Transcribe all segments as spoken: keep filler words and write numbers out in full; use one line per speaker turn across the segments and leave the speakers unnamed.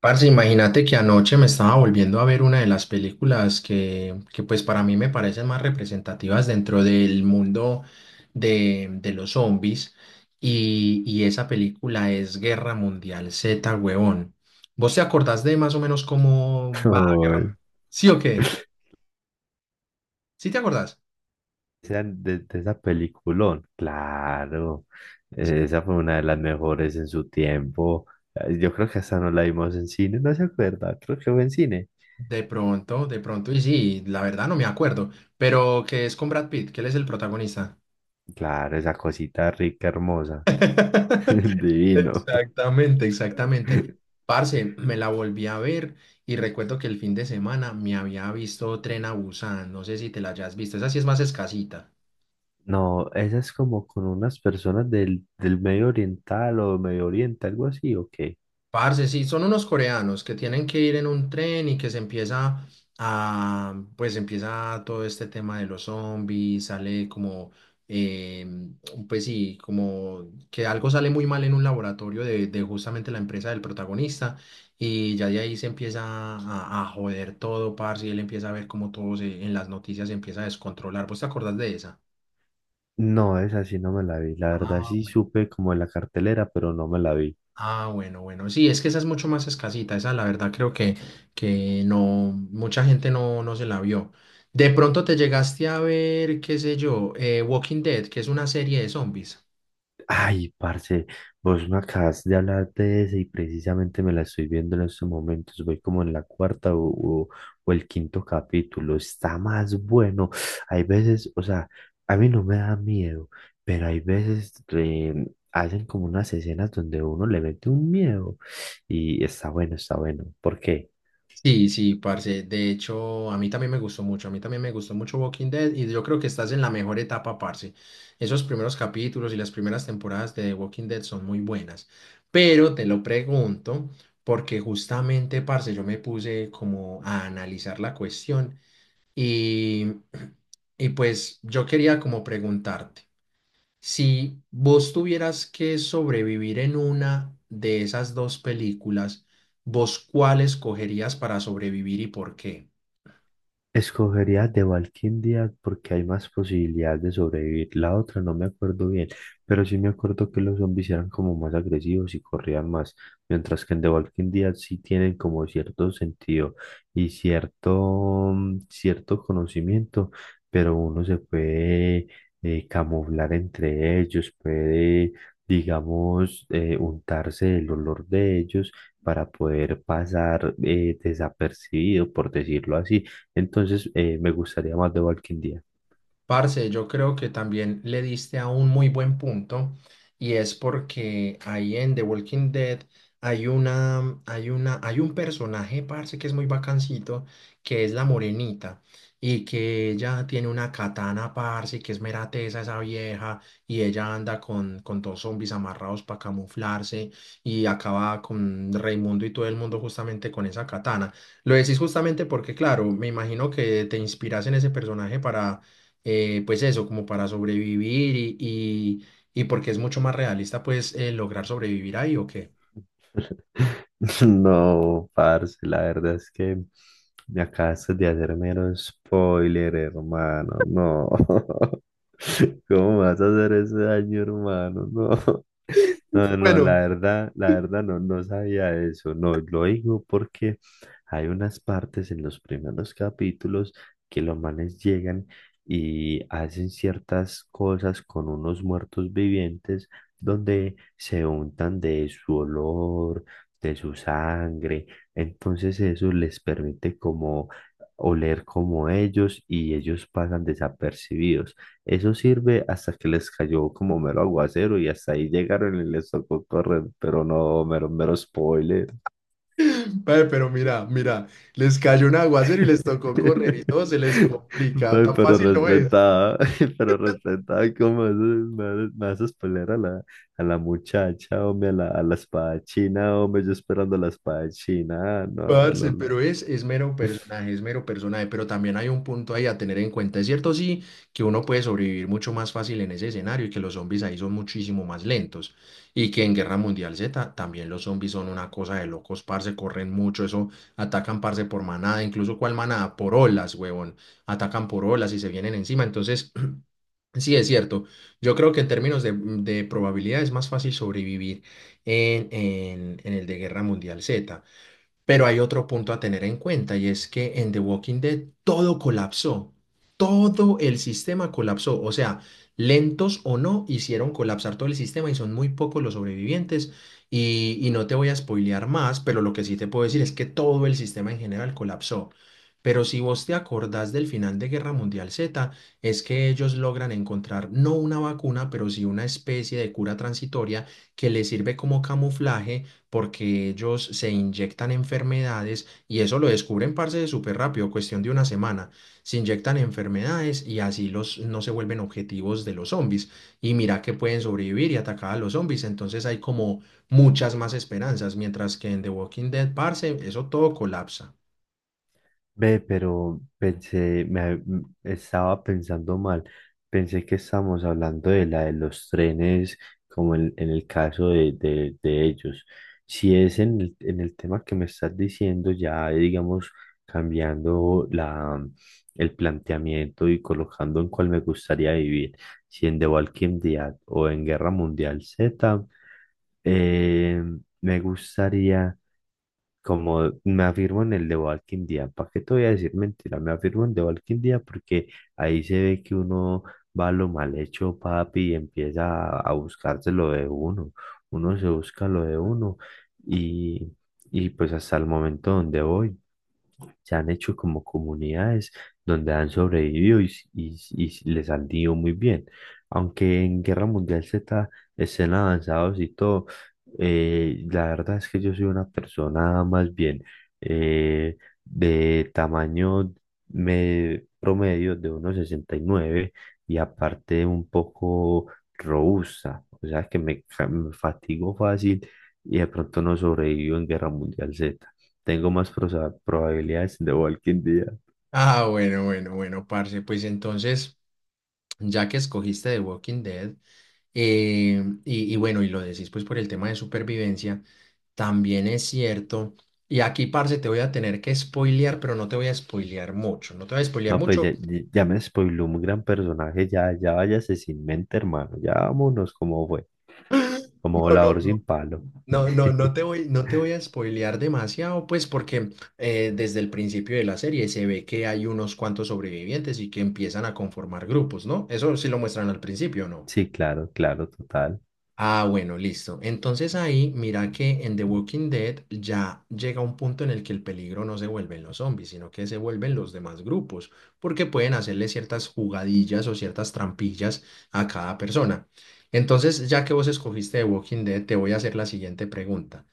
Parce, imagínate que anoche me estaba volviendo a ver una de las películas que, que pues para mí me parecen más representativas dentro del mundo de, de los zombies y, y esa película es Guerra Mundial Z, huevón. ¿Vos te acordás de más o menos cómo va Guerra
Uy,
Mundial? ¿Sí o qué? ¿Sí te acordás?
sean de, de esa peliculón, claro, eh, esa fue una de las mejores en su tiempo. Eh, Yo creo que hasta no la vimos en cine, no se acuerda, creo que fue en cine.
De pronto, de pronto, y sí, la verdad no me acuerdo, pero que es con Brad Pitt, que él es el protagonista.
Claro, esa cosita rica, hermosa, divino.
Exactamente, exactamente. Parce, me la volví a ver y recuerdo que el fin de semana me había visto Tren a Busan. No sé si te la hayas visto. Esa sí es más escasita.
No, esa es como con unas personas del, del Medio Oriental o Medio Oriente, algo así, ¿o qué?
Parce, sí, son unos coreanos que tienen que ir en un tren y que se empieza a, pues empieza todo este tema de los zombies, sale como, eh, pues sí, como que algo sale muy mal en un laboratorio de, de justamente la empresa del protagonista y ya de ahí se empieza a, a joder todo, parce, y él empieza a ver como todo se- en las noticias se empieza a descontrolar. ¿Vos te acordás de esa?
No, esa sí no me la vi, la verdad
Ah.
sí supe como en la cartelera, pero no me la vi.
Ah, bueno, bueno, sí, es que esa es mucho más escasita, esa la verdad creo que, que no, mucha gente no, no se la vio. De pronto te llegaste a ver, qué sé yo, eh, Walking Dead, que es una serie de zombies.
Ay, parce, vos me acabas de hablar de ese y precisamente me la estoy viendo en estos momentos. Voy como en la cuarta o, o- o el quinto capítulo. Está más bueno. Hay veces, o sea, a mí no me da miedo, pero hay veces eh, hacen como unas escenas donde uno le mete un miedo y está bueno, está bueno. ¿Por qué?
Sí, sí, parce, de hecho, a mí también me gustó mucho, a mí también me gustó mucho Walking Dead y yo creo que estás en la mejor etapa, parce. Esos primeros capítulos y las primeras temporadas de Walking Dead son muy buenas, pero te lo pregunto porque justamente, parce, yo me puse como a analizar la cuestión. Y, y pues yo quería como preguntarte, si vos tuvieras que sobrevivir en una de esas dos películas, ¿vos cuál escogerías para sobrevivir y por qué?
Escogería de Valquindia porque hay más posibilidades de sobrevivir. La otra no me acuerdo bien, pero sí me acuerdo que los zombies eran como más agresivos y corrían más, mientras que en The Walking Dead sí tienen como cierto sentido y cierto, mm, cierto conocimiento, pero uno se puede eh, camuflar entre ellos, puede, digamos, eh, untarse el olor de ellos para poder pasar eh, desapercibido, por decirlo así, entonces, eh, me gustaría más The Walking Dead.
Parce, yo creo que también le diste a un muy buen punto y es porque ahí en The Walking Dead hay una, hay una, hay un personaje, parce, que es muy bacancito, que es la morenita y que ella tiene una katana, parce, y que es mera tesa esa vieja y ella anda con, con dos zombies amarrados para camuflarse y acaba con Raimundo y todo el mundo justamente con esa katana. Lo decís justamente porque, claro, me imagino que te inspiras en ese personaje para eh, pues eso, como para sobrevivir y, y, y porque es mucho más realista, pues eh, lograr sobrevivir ahí o qué.
No, parce, la verdad es que me acabaste de hacer mero spoiler, hermano. No. ¿Cómo vas a hacer ese daño, hermano? No. No, no,
Bueno.
la verdad, la verdad no, no sabía eso. No, lo digo porque hay unas partes en los primeros capítulos que los manes llegan y hacen ciertas cosas con unos muertos vivientes donde se untan de su olor, de su sangre. Entonces eso les permite como oler como ellos y ellos pasan desapercibidos. Eso sirve hasta que les cayó como mero aguacero y hasta ahí llegaron y les tocó correr, pero no, mero, mero spoiler.
Ve, pero mira, mira, les cayó un aguacero y les tocó correr y todo se les complica,
Pe-
tan
Pero
fácil no es.
respetada, pero respetada, ¿cómo haces- me haces, me haces pelear a la, a la muchacha, hombre, a la, a la espada china, hombre, yo esperando la espada china, ah, no,
Parce,
no, no.
pero es, es mero personaje, es mero personaje, pero también hay un punto ahí a tener en cuenta. Es cierto, sí, que uno puede sobrevivir mucho más fácil en ese escenario y que los zombies ahí son muchísimo más lentos y que en Guerra Mundial Z también los zombies son una cosa de locos, parce, corren mucho, eso, atacan, parce, por manada, incluso cuál manada, por olas, huevón, atacan por olas y se vienen encima. Entonces, sí, es cierto, yo creo que en términos de, de probabilidad es más fácil sobrevivir en, en en el de Guerra Mundial Z. Pero hay otro punto a tener en cuenta y es que en The Walking Dead todo colapsó. Todo el sistema colapsó. O sea, lentos o no, hicieron colapsar todo el sistema y son muy pocos los sobrevivientes. Y, y no te voy a spoilear más, pero lo que sí te puedo decir es que todo el sistema en general colapsó. Pero si vos te acordás del final de Guerra Mundial Z, es que ellos logran encontrar no una vacuna, pero sí una especie de cura transitoria que les sirve como camuflaje porque ellos se inyectan enfermedades y eso lo descubren, parce, de súper rápido, cuestión de una semana. Se inyectan enfermedades y así los no se vuelven objetivos de los zombies. Y mira que pueden sobrevivir y atacar a los zombies, entonces hay como muchas más esperanzas, mientras que en The Walking Dead, parce, eso todo colapsa.
Ve, pero pensé, me, m- estaba pensando mal. Pensé que estábamos hablando de la de los trenes, como en, en el caso de, de- de ellos. Si es en el, en el tema que me estás diciendo, ya digamos, cambiando la, el planteamiento y colocando en cuál me gustaría vivir, si en The Walking Dead o en Guerra Mundial Z, eh, me gustaría. Como me afirmo en el de Walking Dead, ¿para qué te voy a decir mentira? Me afirmo en el de Walking Dead porque ahí se ve que uno va a lo mal hecho, papi, y empieza a, a buscarse lo de uno. Uno se busca lo de uno y, y pues hasta el momento donde voy se han hecho como comunidades donde han sobrevivido y, s- y s- y s- les han ido muy bien. Aunque en Guerra Mundial Z estén avanzados y todo, eh, la verdad es que yo soy una persona más bien eh, de tamaño me- promedio de uno sesenta y nueve y nueve y aparte un poco robusta, o sea que me, ca- me fatigo fácil y de pronto no sobrevivo en Guerra Mundial Z. Tengo más prosa- probabilidades de Walking Dead.
Ah, bueno, bueno, bueno, parce, pues entonces ya que escogiste The Walking Dead, eh, y, y bueno, y lo decís pues por el tema de supervivencia, también es cierto, y aquí, parce, te voy a tener que spoilear, pero no te voy a spoilear mucho, no te voy a spoilear
No, pues
mucho,
ya, ya me spoiló un gran personaje. Ya, ya váyase sin mente, hermano. Ya vámonos como fue. Como
no, no,
volador
no.
sin palo.
No, no, no te voy, no te voy a spoilear demasiado, pues porque eh, desde el principio de la serie se ve que hay unos cuantos sobrevivientes y que empiezan a conformar grupos, ¿no? Eso sí lo muestran al principio, ¿no?
Sí, claro, claro, total.
Ah, bueno, listo. Entonces ahí, mira que en The Walking Dead ya llega un punto en el que el peligro no se vuelven los zombies, sino que se vuelven los demás grupos, porque pueden hacerle ciertas jugadillas o ciertas trampillas a cada persona. Entonces, ya que vos escogiste The Walking Dead, te voy a hacer la siguiente pregunta.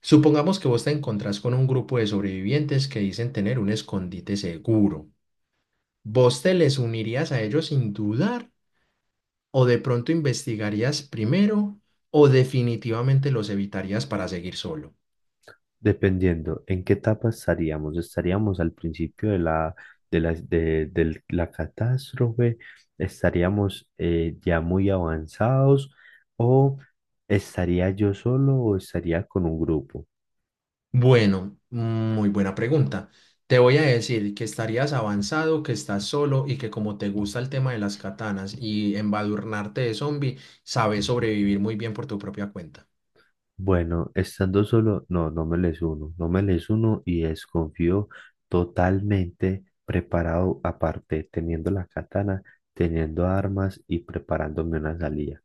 Supongamos que vos te encontrás con un grupo de sobrevivientes que dicen tener un escondite seguro. ¿Vos te les unirías a ellos sin dudar? ¿O de pronto investigarías primero o definitivamente los evitarías para seguir solo?
Dependiendo en qué etapa estaríamos. Estaríamos al principio de la, de la, de, del- la catástrofe, estaríamos eh, ya muy avanzados o estaría yo solo o estaría con un grupo.
Bueno, muy buena pregunta. Te voy a decir que estarías avanzado, que estás solo y que como te gusta el tema de las katanas y embadurnarte de zombie, sabes sobrevivir muy bien por tu propia cuenta.
Bueno, estando solo, no, no me les uno, no me les uno y desconfío totalmente preparado, aparte, teniendo la katana, teniendo armas y preparándome una salida.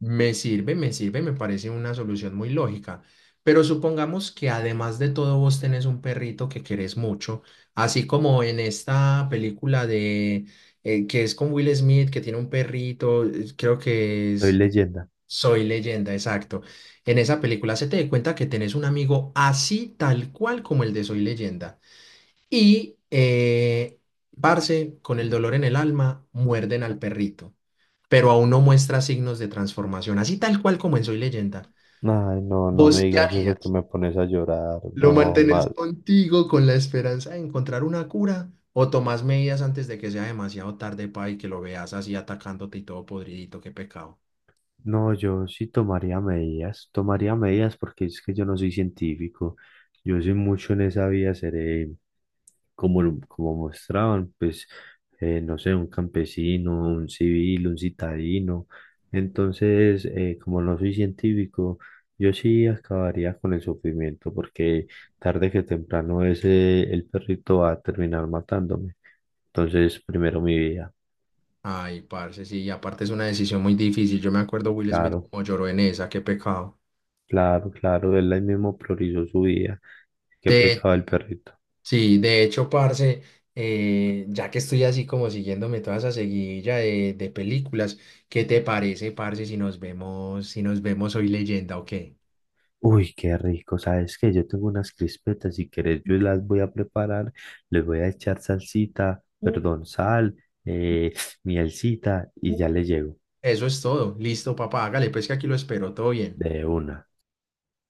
Me sirve, me sirve, me parece una solución muy lógica. Pero supongamos que además de todo vos tenés un perrito que querés mucho, así como en esta película de eh, que es con Will Smith, que tiene un perrito, eh, creo que
Soy
es
leyenda.
Soy Leyenda, exacto. En esa película se te dé cuenta que tenés un amigo así tal cual como el de Soy Leyenda. Y, eh, parce, con el dolor en el alma, muerden al perrito pero aún no muestra signos de transformación, así tal cual como en Soy Leyenda.
Ay, no, no me
¿Vos qué
digas eso que
harías?
me pones a llorar.
¿Lo
No,
mantenés
más,
contigo con la esperanza de encontrar una cura? ¿O tomás medidas antes de que sea demasiado tarde, pa, y que lo veas así atacándote y todo podridito? ¡Qué pecado!
no, yo sí tomaría medidas, tomaría medidas porque es que yo no soy científico, yo soy mucho en esa vía, seré como, lo- como mostraban, pues, eh, no sé, un campesino, un civil, un citadino. Entonces, eh, como no soy científico, yo sí acabaría con el sufrimiento porque tarde que temprano ese, el perrito va a terminar matándome. Entonces, primero mi vida,
Ay, parce, sí, y aparte es una decisión muy difícil. Yo me acuerdo Will Smith
claro,
como lloró en esa, qué pecado.
claro, claro, él ahí mismo priorizó su vida. Qué
De
pecado el perrito.
Sí, de hecho, parce, eh, ya que estoy así como siguiéndome toda esa seguidilla de, de películas, ¿qué te parece, parce, si nos vemos, si nos vemos hoy leyenda o qué?
Uy, qué rico. ¿Sabes qué? Yo tengo unas crispetas. Si querés, yo las voy a preparar. Les voy a echar salsita, perdón, sal, eh, mielcita y ya le llego.
Eso es todo. Listo, papá, hágale, pues que aquí lo espero, todo bien.
De una.